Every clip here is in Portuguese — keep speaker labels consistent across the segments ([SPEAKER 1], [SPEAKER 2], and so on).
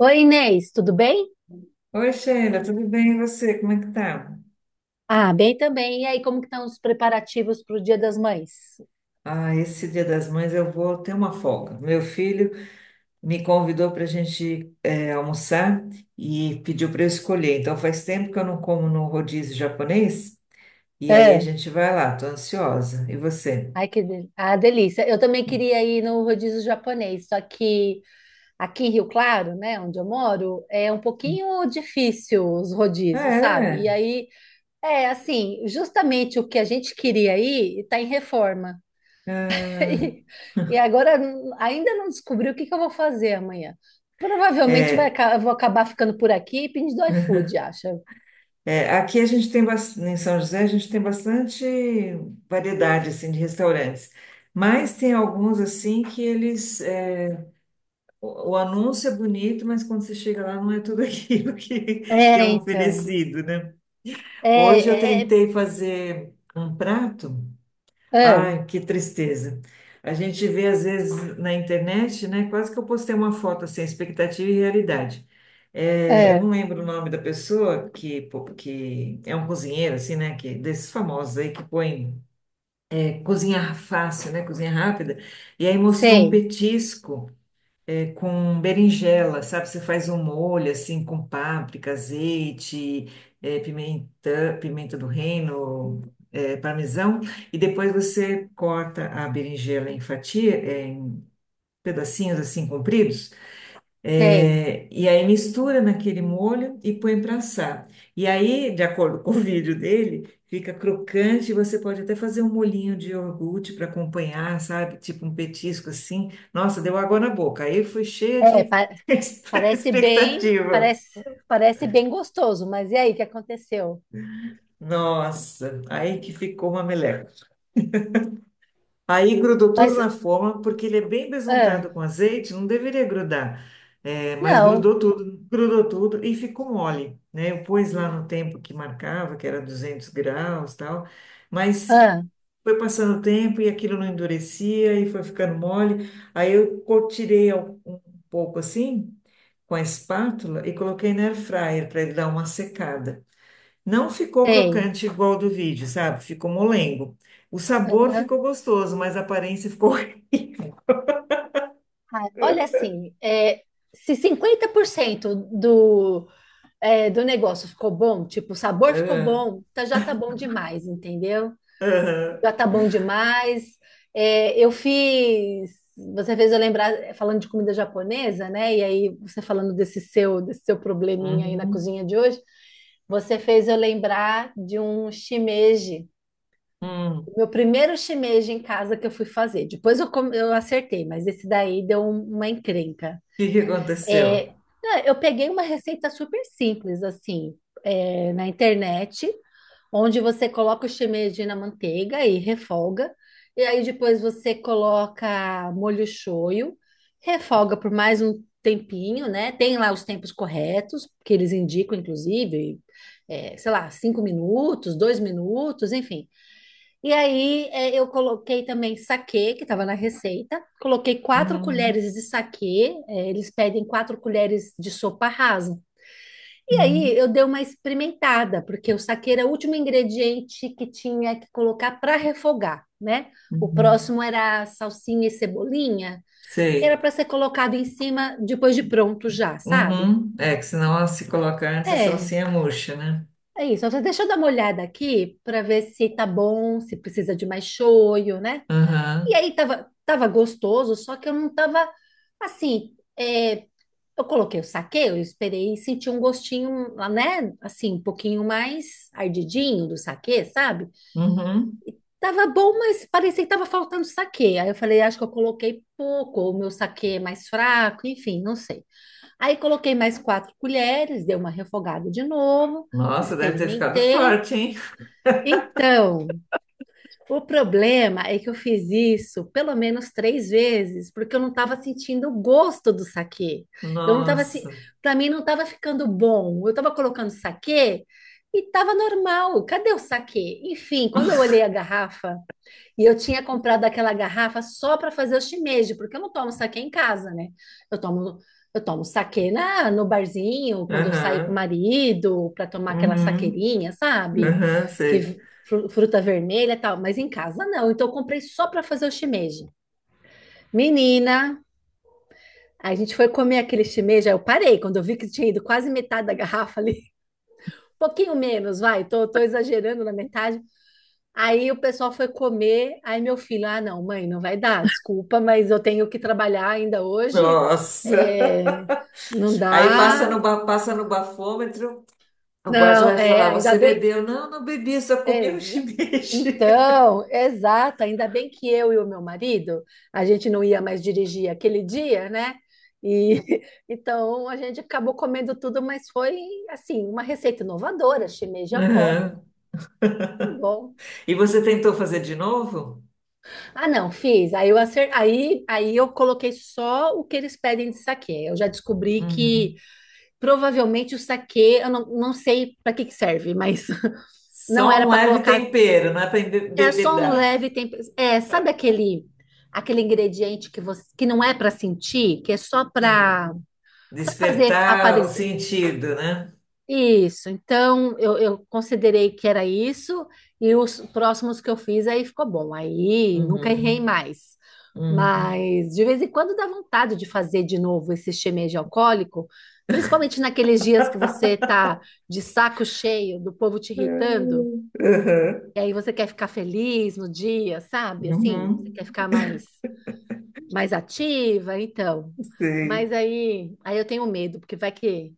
[SPEAKER 1] Oi, Inês, tudo bem?
[SPEAKER 2] Oi, Sheila, tudo bem? E você? Como é que tá?
[SPEAKER 1] Ah, bem também. E aí, como que estão os preparativos para o Dia das Mães?
[SPEAKER 2] Ah, esse Dia das Mães eu vou ter uma folga. Meu filho me convidou para a gente almoçar e pediu para eu escolher. Então faz tempo que eu não como no rodízio japonês e aí a
[SPEAKER 1] É.
[SPEAKER 2] gente vai lá, tô ansiosa. E você?
[SPEAKER 1] Ai, que ah, delícia. Eu também queria ir no rodízio japonês, só que aqui em Rio Claro, né, onde eu moro, é um pouquinho difícil os
[SPEAKER 2] Ah,
[SPEAKER 1] rodízios, sabe? E
[SPEAKER 2] é?
[SPEAKER 1] aí, é assim, justamente o que a gente queria ir está em reforma.
[SPEAKER 2] Ah,
[SPEAKER 1] E e agora ainda não descobri o que que eu vou fazer amanhã. Provavelmente
[SPEAKER 2] é,
[SPEAKER 1] eu vou acabar ficando por aqui e pedindo iFood, acho.
[SPEAKER 2] é, aqui a gente tem em São José a gente tem bastante variedade assim de restaurantes, mas tem alguns assim que eles, o anúncio é bonito, mas quando você chega lá não é tudo aquilo que
[SPEAKER 1] É,
[SPEAKER 2] é
[SPEAKER 1] então.
[SPEAKER 2] oferecido, né? Hoje eu
[SPEAKER 1] É, é,
[SPEAKER 2] tentei fazer um prato.
[SPEAKER 1] é,
[SPEAKER 2] Ai, que tristeza. A gente vê às vezes na internet, né? Quase que eu postei uma foto assim, expectativa e realidade. É, eu
[SPEAKER 1] é,
[SPEAKER 2] não lembro o nome da pessoa que, pô, que é um cozinheiro, assim, né? Que, desses famosos aí que põe cozinhar fácil, né? Cozinha rápida. E aí mostrou um
[SPEAKER 1] sei,
[SPEAKER 2] petisco com berinjela, sabe? Você faz um molho assim com páprica, azeite, pimenta, pimenta do reino, parmesão, e depois você corta a berinjela em fatia, em pedacinhos assim compridos.
[SPEAKER 1] sei.
[SPEAKER 2] É, e aí mistura naquele molho e põe para assar. E aí, de acordo com o vídeo dele, fica crocante. Você pode até fazer um molhinho de iogurte para acompanhar, sabe? Tipo um petisco assim. Nossa, deu água na boca. Aí foi cheia
[SPEAKER 1] É,
[SPEAKER 2] de
[SPEAKER 1] parece bem,
[SPEAKER 2] expectativa.
[SPEAKER 1] parece, parece bem gostoso, mas e aí, o que aconteceu?
[SPEAKER 2] Nossa, aí que ficou uma meleca. Aí grudou tudo
[SPEAKER 1] Mas,
[SPEAKER 2] na forma, porque ele é bem
[SPEAKER 1] ah,
[SPEAKER 2] besuntado com azeite, não deveria grudar. É, mas
[SPEAKER 1] não,
[SPEAKER 2] grudou tudo e ficou mole, né? Eu pus lá no tempo que marcava, que era 200 graus, tal, mas
[SPEAKER 1] ah,
[SPEAKER 2] foi passando o tempo e aquilo não endurecia e foi ficando mole. Tirei um pouco assim com a espátula e coloquei na air fryer para ele dar uma secada. Não ficou
[SPEAKER 1] sei.
[SPEAKER 2] crocante igual do vídeo, sabe? Ficou molengo. O sabor
[SPEAKER 1] Aham.
[SPEAKER 2] ficou gostoso, mas a aparência ficou.
[SPEAKER 1] Ah, olha assim, se 50% do negócio ficou bom, tipo, o sabor ficou
[SPEAKER 2] É.
[SPEAKER 1] bom, tá, já tá bom demais, entendeu?
[SPEAKER 2] Aham.
[SPEAKER 1] Já tá bom demais. É, eu fiz. Você fez eu lembrar, falando de comida japonesa, né? E aí, você falando desse seu probleminha aí na
[SPEAKER 2] Uhum.
[SPEAKER 1] cozinha de hoje, você fez eu lembrar de um shimeji.
[SPEAKER 2] Hum. O
[SPEAKER 1] O meu primeiro shimeji em casa que eu fui fazer. Depois eu acertei, mas esse daí deu uma encrenca.
[SPEAKER 2] que que
[SPEAKER 1] É,
[SPEAKER 2] aconteceu?
[SPEAKER 1] não, eu peguei uma receita super simples, assim, na internet onde você coloca o shimeji na manteiga e refoga, e aí depois você coloca molho shoyu, refoga por mais um tempinho, né? Tem lá os tempos corretos, que eles indicam, inclusive, sei lá, 5 minutos, 2 minutos, enfim. E aí eu coloquei também saquê, que estava na receita, coloquei quatro
[SPEAKER 2] Uhum,
[SPEAKER 1] colheres de saquê, eles pedem 4 colheres de sopa rasa, e aí
[SPEAKER 2] uhum,
[SPEAKER 1] eu dei uma experimentada, porque o saquê era o último ingrediente que tinha que colocar para refogar, né? O
[SPEAKER 2] uhum.
[SPEAKER 1] próximo era a salsinha e cebolinha, que era
[SPEAKER 2] Sei.
[SPEAKER 1] para ser colocado em cima depois de pronto já, sabe?
[SPEAKER 2] Uhum. É que senão, ela se coloca antes, a
[SPEAKER 1] É,
[SPEAKER 2] salsinha murcha, né?
[SPEAKER 1] é isso. Deixa eu dar uma olhada aqui para ver se tá bom, se precisa de mais shoyu, né? E
[SPEAKER 2] Aham.
[SPEAKER 1] aí tava gostoso, só que eu não tava assim. Eu coloquei o saquê, eu esperei e senti um gostinho, né? Assim, um pouquinho mais ardidinho do saquê, sabe?
[SPEAKER 2] Uhum.
[SPEAKER 1] Tava bom, mas parecia que tava faltando saquê. Aí eu falei, acho que eu coloquei pouco, ou o meu saquê é mais fraco, enfim, não sei. Aí coloquei mais 4 colheres, dei uma refogada de novo,
[SPEAKER 2] Nossa, deve ter ficado
[SPEAKER 1] experimentei.
[SPEAKER 2] forte, hein?
[SPEAKER 1] Então, o problema é que eu fiz isso pelo menos três vezes, porque eu não estava sentindo o gosto do saquê. Eu não estava se...
[SPEAKER 2] Nossa.
[SPEAKER 1] para mim não estava ficando bom. Eu estava colocando saquê e estava normal. Cadê o saquê? Enfim, quando eu olhei a garrafa, e eu tinha comprado aquela garrafa só para fazer o shimeji, porque eu não tomo saquê em casa, né? Eu tomo, eu tomo saquê no barzinho, quando eu saio com o
[SPEAKER 2] Aham.
[SPEAKER 1] marido, para tomar aquela
[SPEAKER 2] Uhum.
[SPEAKER 1] saqueirinha, sabe?
[SPEAKER 2] Aham, sei.
[SPEAKER 1] Que fruta vermelha e tal, mas em casa não. Então eu comprei só para fazer o shimeji. Menina, a gente foi comer aquele shimeji, aí eu parei quando eu vi que tinha ido quase metade da garrafa ali. Um pouquinho menos, vai, tô exagerando na metade. Aí o pessoal foi comer, aí meu filho, ah, não, mãe, não vai dar, desculpa, mas eu tenho que trabalhar ainda hoje,
[SPEAKER 2] Nossa.
[SPEAKER 1] é, não
[SPEAKER 2] Aí passa
[SPEAKER 1] dá,
[SPEAKER 2] no, passa no bafômetro, o guarda
[SPEAKER 1] não,
[SPEAKER 2] vai
[SPEAKER 1] é,
[SPEAKER 2] falar:
[SPEAKER 1] ainda
[SPEAKER 2] Você
[SPEAKER 1] bem,
[SPEAKER 2] bebeu? Não, não bebi, só comi um
[SPEAKER 1] exa-
[SPEAKER 2] shimeji.
[SPEAKER 1] então, exato, ainda bem que eu e o meu marido, a gente não ia mais dirigir aquele dia, né? E então a gente acabou comendo tudo, mas foi assim, uma receita inovadora, shimeji alcoólico,
[SPEAKER 2] Aham.
[SPEAKER 1] bom.
[SPEAKER 2] E você tentou fazer de novo?
[SPEAKER 1] Ah, não, fiz. Aí eu coloquei só o que eles pedem de saquê. Eu já descobri que
[SPEAKER 2] Uhum.
[SPEAKER 1] provavelmente o saquê, eu não sei para que que serve, mas não
[SPEAKER 2] Só
[SPEAKER 1] era
[SPEAKER 2] um
[SPEAKER 1] para
[SPEAKER 2] leve
[SPEAKER 1] colocar.
[SPEAKER 2] tempero, não é para
[SPEAKER 1] É só um
[SPEAKER 2] embebedar.
[SPEAKER 1] leve tempero. É, sabe aquele ingrediente que você que não é para sentir, que é só
[SPEAKER 2] Sim.
[SPEAKER 1] para fazer
[SPEAKER 2] Despertar o
[SPEAKER 1] aparecer.
[SPEAKER 2] sentido, né?
[SPEAKER 1] Isso, então eu considerei que era isso, e os próximos que eu fiz aí ficou bom, aí nunca errei
[SPEAKER 2] Uhum.
[SPEAKER 1] mais.
[SPEAKER 2] Uhum.
[SPEAKER 1] Mas de vez em quando dá vontade de fazer de novo esse shimeji alcoólico, principalmente naqueles dias que você tá de saco cheio do povo te irritando,
[SPEAKER 2] Uhum.
[SPEAKER 1] e aí você quer ficar feliz no dia, sabe? Assim, você
[SPEAKER 2] Uhum.
[SPEAKER 1] quer ficar mais ativa, então. Mas
[SPEAKER 2] Sei.
[SPEAKER 1] aí eu tenho medo, porque vai que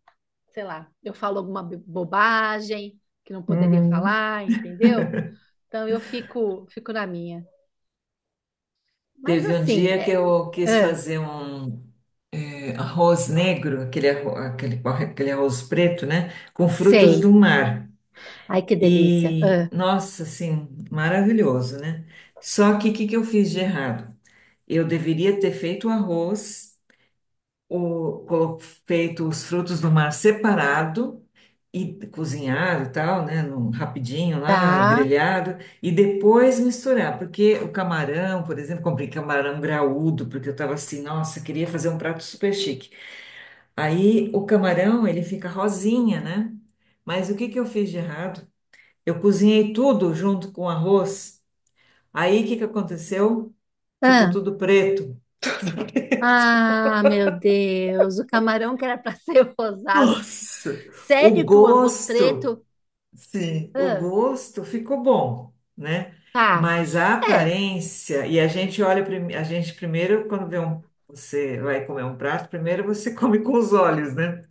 [SPEAKER 1] sei lá, eu falo alguma bobagem que não poderia
[SPEAKER 2] Uhum.
[SPEAKER 1] falar, entendeu? Então eu fico na minha. Mas
[SPEAKER 2] Teve um
[SPEAKER 1] assim,
[SPEAKER 2] dia que eu quis
[SPEAKER 1] ah,
[SPEAKER 2] fazer um arroz negro, aquele, aquele arroz preto, né? Com frutos
[SPEAKER 1] sei.
[SPEAKER 2] do mar.
[SPEAKER 1] Ai, que delícia.
[SPEAKER 2] E,
[SPEAKER 1] Ah,
[SPEAKER 2] nossa, assim, maravilhoso, né? Só que eu fiz de errado? Eu deveria ter feito o arroz, o, colo- feito os frutos do mar separado e cozinhado e tal, né? Rapidinho lá,
[SPEAKER 1] tá.
[SPEAKER 2] grelhado, e depois misturar, porque o camarão, por exemplo, comprei camarão graúdo, porque eu tava assim, nossa, queria fazer um prato super chique. Aí o camarão, ele fica rosinha, né? Mas o que que eu fiz de errado? Eu cozinhei tudo junto com o arroz. Aí o que que aconteceu? Ficou
[SPEAKER 1] Ah,
[SPEAKER 2] tudo preto.
[SPEAKER 1] ah, meu Deus, o camarão que era para ser rosado.
[SPEAKER 2] Nossa, o
[SPEAKER 1] Sério que o arroz
[SPEAKER 2] gosto,
[SPEAKER 1] preto?
[SPEAKER 2] sim, o
[SPEAKER 1] Ah,
[SPEAKER 2] gosto ficou bom, né?
[SPEAKER 1] tá.
[SPEAKER 2] Mas a
[SPEAKER 1] É,
[SPEAKER 2] aparência, e a gente olha, a gente primeiro, quando vê um, você vai comer um prato, primeiro você come com os olhos, né?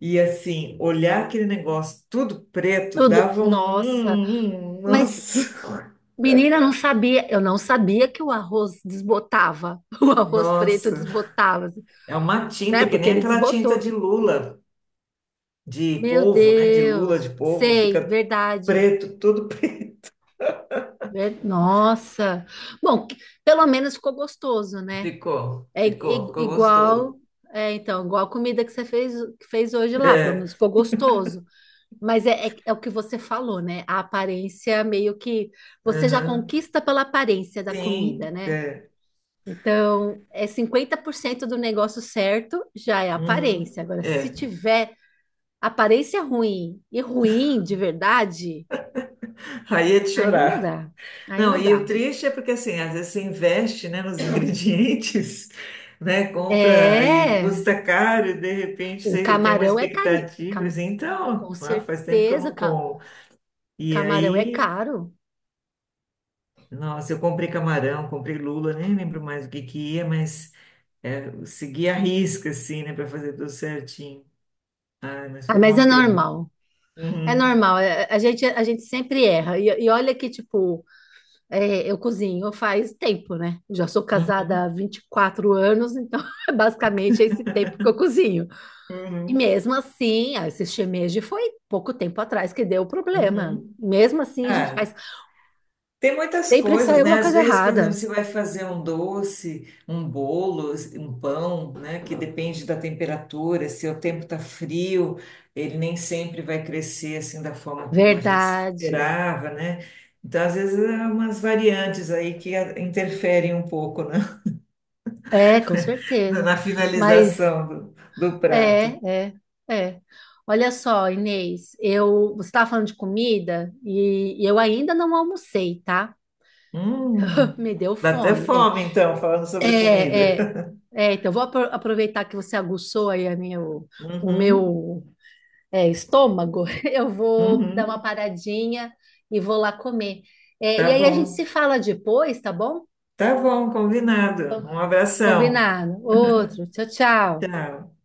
[SPEAKER 2] E assim, olhar aquele negócio tudo preto
[SPEAKER 1] tudo.
[SPEAKER 2] dava um,
[SPEAKER 1] Nossa, mas
[SPEAKER 2] nossa,
[SPEAKER 1] menina, eu não sabia. Eu não sabia que o arroz desbotava. O arroz preto
[SPEAKER 2] nossa.
[SPEAKER 1] desbotava, assim.
[SPEAKER 2] É uma tinta
[SPEAKER 1] Né?
[SPEAKER 2] que
[SPEAKER 1] Porque
[SPEAKER 2] nem
[SPEAKER 1] ele
[SPEAKER 2] aquela tinta
[SPEAKER 1] desbotou.
[SPEAKER 2] de lula, de
[SPEAKER 1] Meu
[SPEAKER 2] polvo, né? De
[SPEAKER 1] Deus,
[SPEAKER 2] lula de polvo,
[SPEAKER 1] sei,
[SPEAKER 2] fica
[SPEAKER 1] verdade.
[SPEAKER 2] preto, tudo preto.
[SPEAKER 1] Nossa. Bom, pelo menos ficou gostoso, né?
[SPEAKER 2] Ficou,
[SPEAKER 1] É
[SPEAKER 2] ficou,
[SPEAKER 1] i-
[SPEAKER 2] ficou
[SPEAKER 1] igual,
[SPEAKER 2] gostoso.
[SPEAKER 1] é igual a comida que que fez hoje lá, pelo
[SPEAKER 2] É,
[SPEAKER 1] menos ficou gostoso. Mas é o que você falou, né? A aparência meio que você já
[SPEAKER 2] uhum.
[SPEAKER 1] conquista pela aparência da comida,
[SPEAKER 2] Sim,
[SPEAKER 1] né? Então, é 50% do negócio certo já é
[SPEAKER 2] uhum.
[SPEAKER 1] aparência. Agora, se
[SPEAKER 2] É.
[SPEAKER 1] tiver aparência ruim e ruim de verdade,
[SPEAKER 2] Aí é de
[SPEAKER 1] aí não
[SPEAKER 2] chorar.
[SPEAKER 1] dá. Aí
[SPEAKER 2] Não,
[SPEAKER 1] não
[SPEAKER 2] e o
[SPEAKER 1] dá.
[SPEAKER 2] triste é porque assim, às vezes você investe, né, nos ingredientes, né, compra e
[SPEAKER 1] É,
[SPEAKER 2] custa caro e de repente
[SPEAKER 1] o
[SPEAKER 2] você tem uma
[SPEAKER 1] camarão é cari...
[SPEAKER 2] expectativa,
[SPEAKER 1] cam-
[SPEAKER 2] assim,
[SPEAKER 1] Com
[SPEAKER 2] então, ah, faz tempo que eu
[SPEAKER 1] certeza,
[SPEAKER 2] não como. E
[SPEAKER 1] camarão é
[SPEAKER 2] aí,
[SPEAKER 1] caro.
[SPEAKER 2] nossa, eu comprei camarão, comprei lula, nem lembro mais o que que ia, mas é, eu segui a risca, assim, né, para fazer tudo certinho. Ah, mas
[SPEAKER 1] Ah,
[SPEAKER 2] foi
[SPEAKER 1] mas é
[SPEAKER 2] uma pena.
[SPEAKER 1] normal. É
[SPEAKER 2] Uhum,
[SPEAKER 1] normal. A gente sempre erra. E olha que, tipo, eu cozinho faz tempo, né? Já sou casada há
[SPEAKER 2] uhum,
[SPEAKER 1] 24 anos, então basicamente esse tempo que eu cozinho. E
[SPEAKER 2] uhum,
[SPEAKER 1] mesmo assim, ah, esse shimeji foi pouco tempo atrás que deu o problema.
[SPEAKER 2] uhum.
[SPEAKER 1] Mesmo assim, a gente
[SPEAKER 2] Ah,
[SPEAKER 1] faz.
[SPEAKER 2] tem muitas
[SPEAKER 1] Sempre sai
[SPEAKER 2] coisas,
[SPEAKER 1] alguma
[SPEAKER 2] né? Às
[SPEAKER 1] coisa
[SPEAKER 2] vezes, por exemplo,
[SPEAKER 1] errada.
[SPEAKER 2] você vai fazer um doce, um bolo, um pão, né? Que depende da temperatura, se o tempo tá frio, ele nem sempre vai crescer assim da forma como a gente
[SPEAKER 1] Verdade.
[SPEAKER 2] esperava, né? Então, às vezes, há umas variantes aí interferem um pouco, né?
[SPEAKER 1] É, com certeza.
[SPEAKER 2] Na
[SPEAKER 1] Mas
[SPEAKER 2] finalização do prato.
[SPEAKER 1] é, é, é. Olha só, Inês, você estava falando de comida e eu ainda não almocei, tá?
[SPEAKER 2] Hum,
[SPEAKER 1] Me deu
[SPEAKER 2] dá até
[SPEAKER 1] fome.
[SPEAKER 2] fome, então, falando sobre comida.
[SPEAKER 1] É, é, então vou aproveitar que você aguçou aí a minha, o
[SPEAKER 2] Uhum,
[SPEAKER 1] meu estômago. Eu vou dar uma
[SPEAKER 2] uhum.
[SPEAKER 1] paradinha e vou lá comer. É,
[SPEAKER 2] Tá
[SPEAKER 1] e aí a gente
[SPEAKER 2] bom.
[SPEAKER 1] se fala depois, tá bom?
[SPEAKER 2] Tá bom, combinado. Um abração.
[SPEAKER 1] Combinado. Outro. Tchau, tchau.
[SPEAKER 2] Tchau.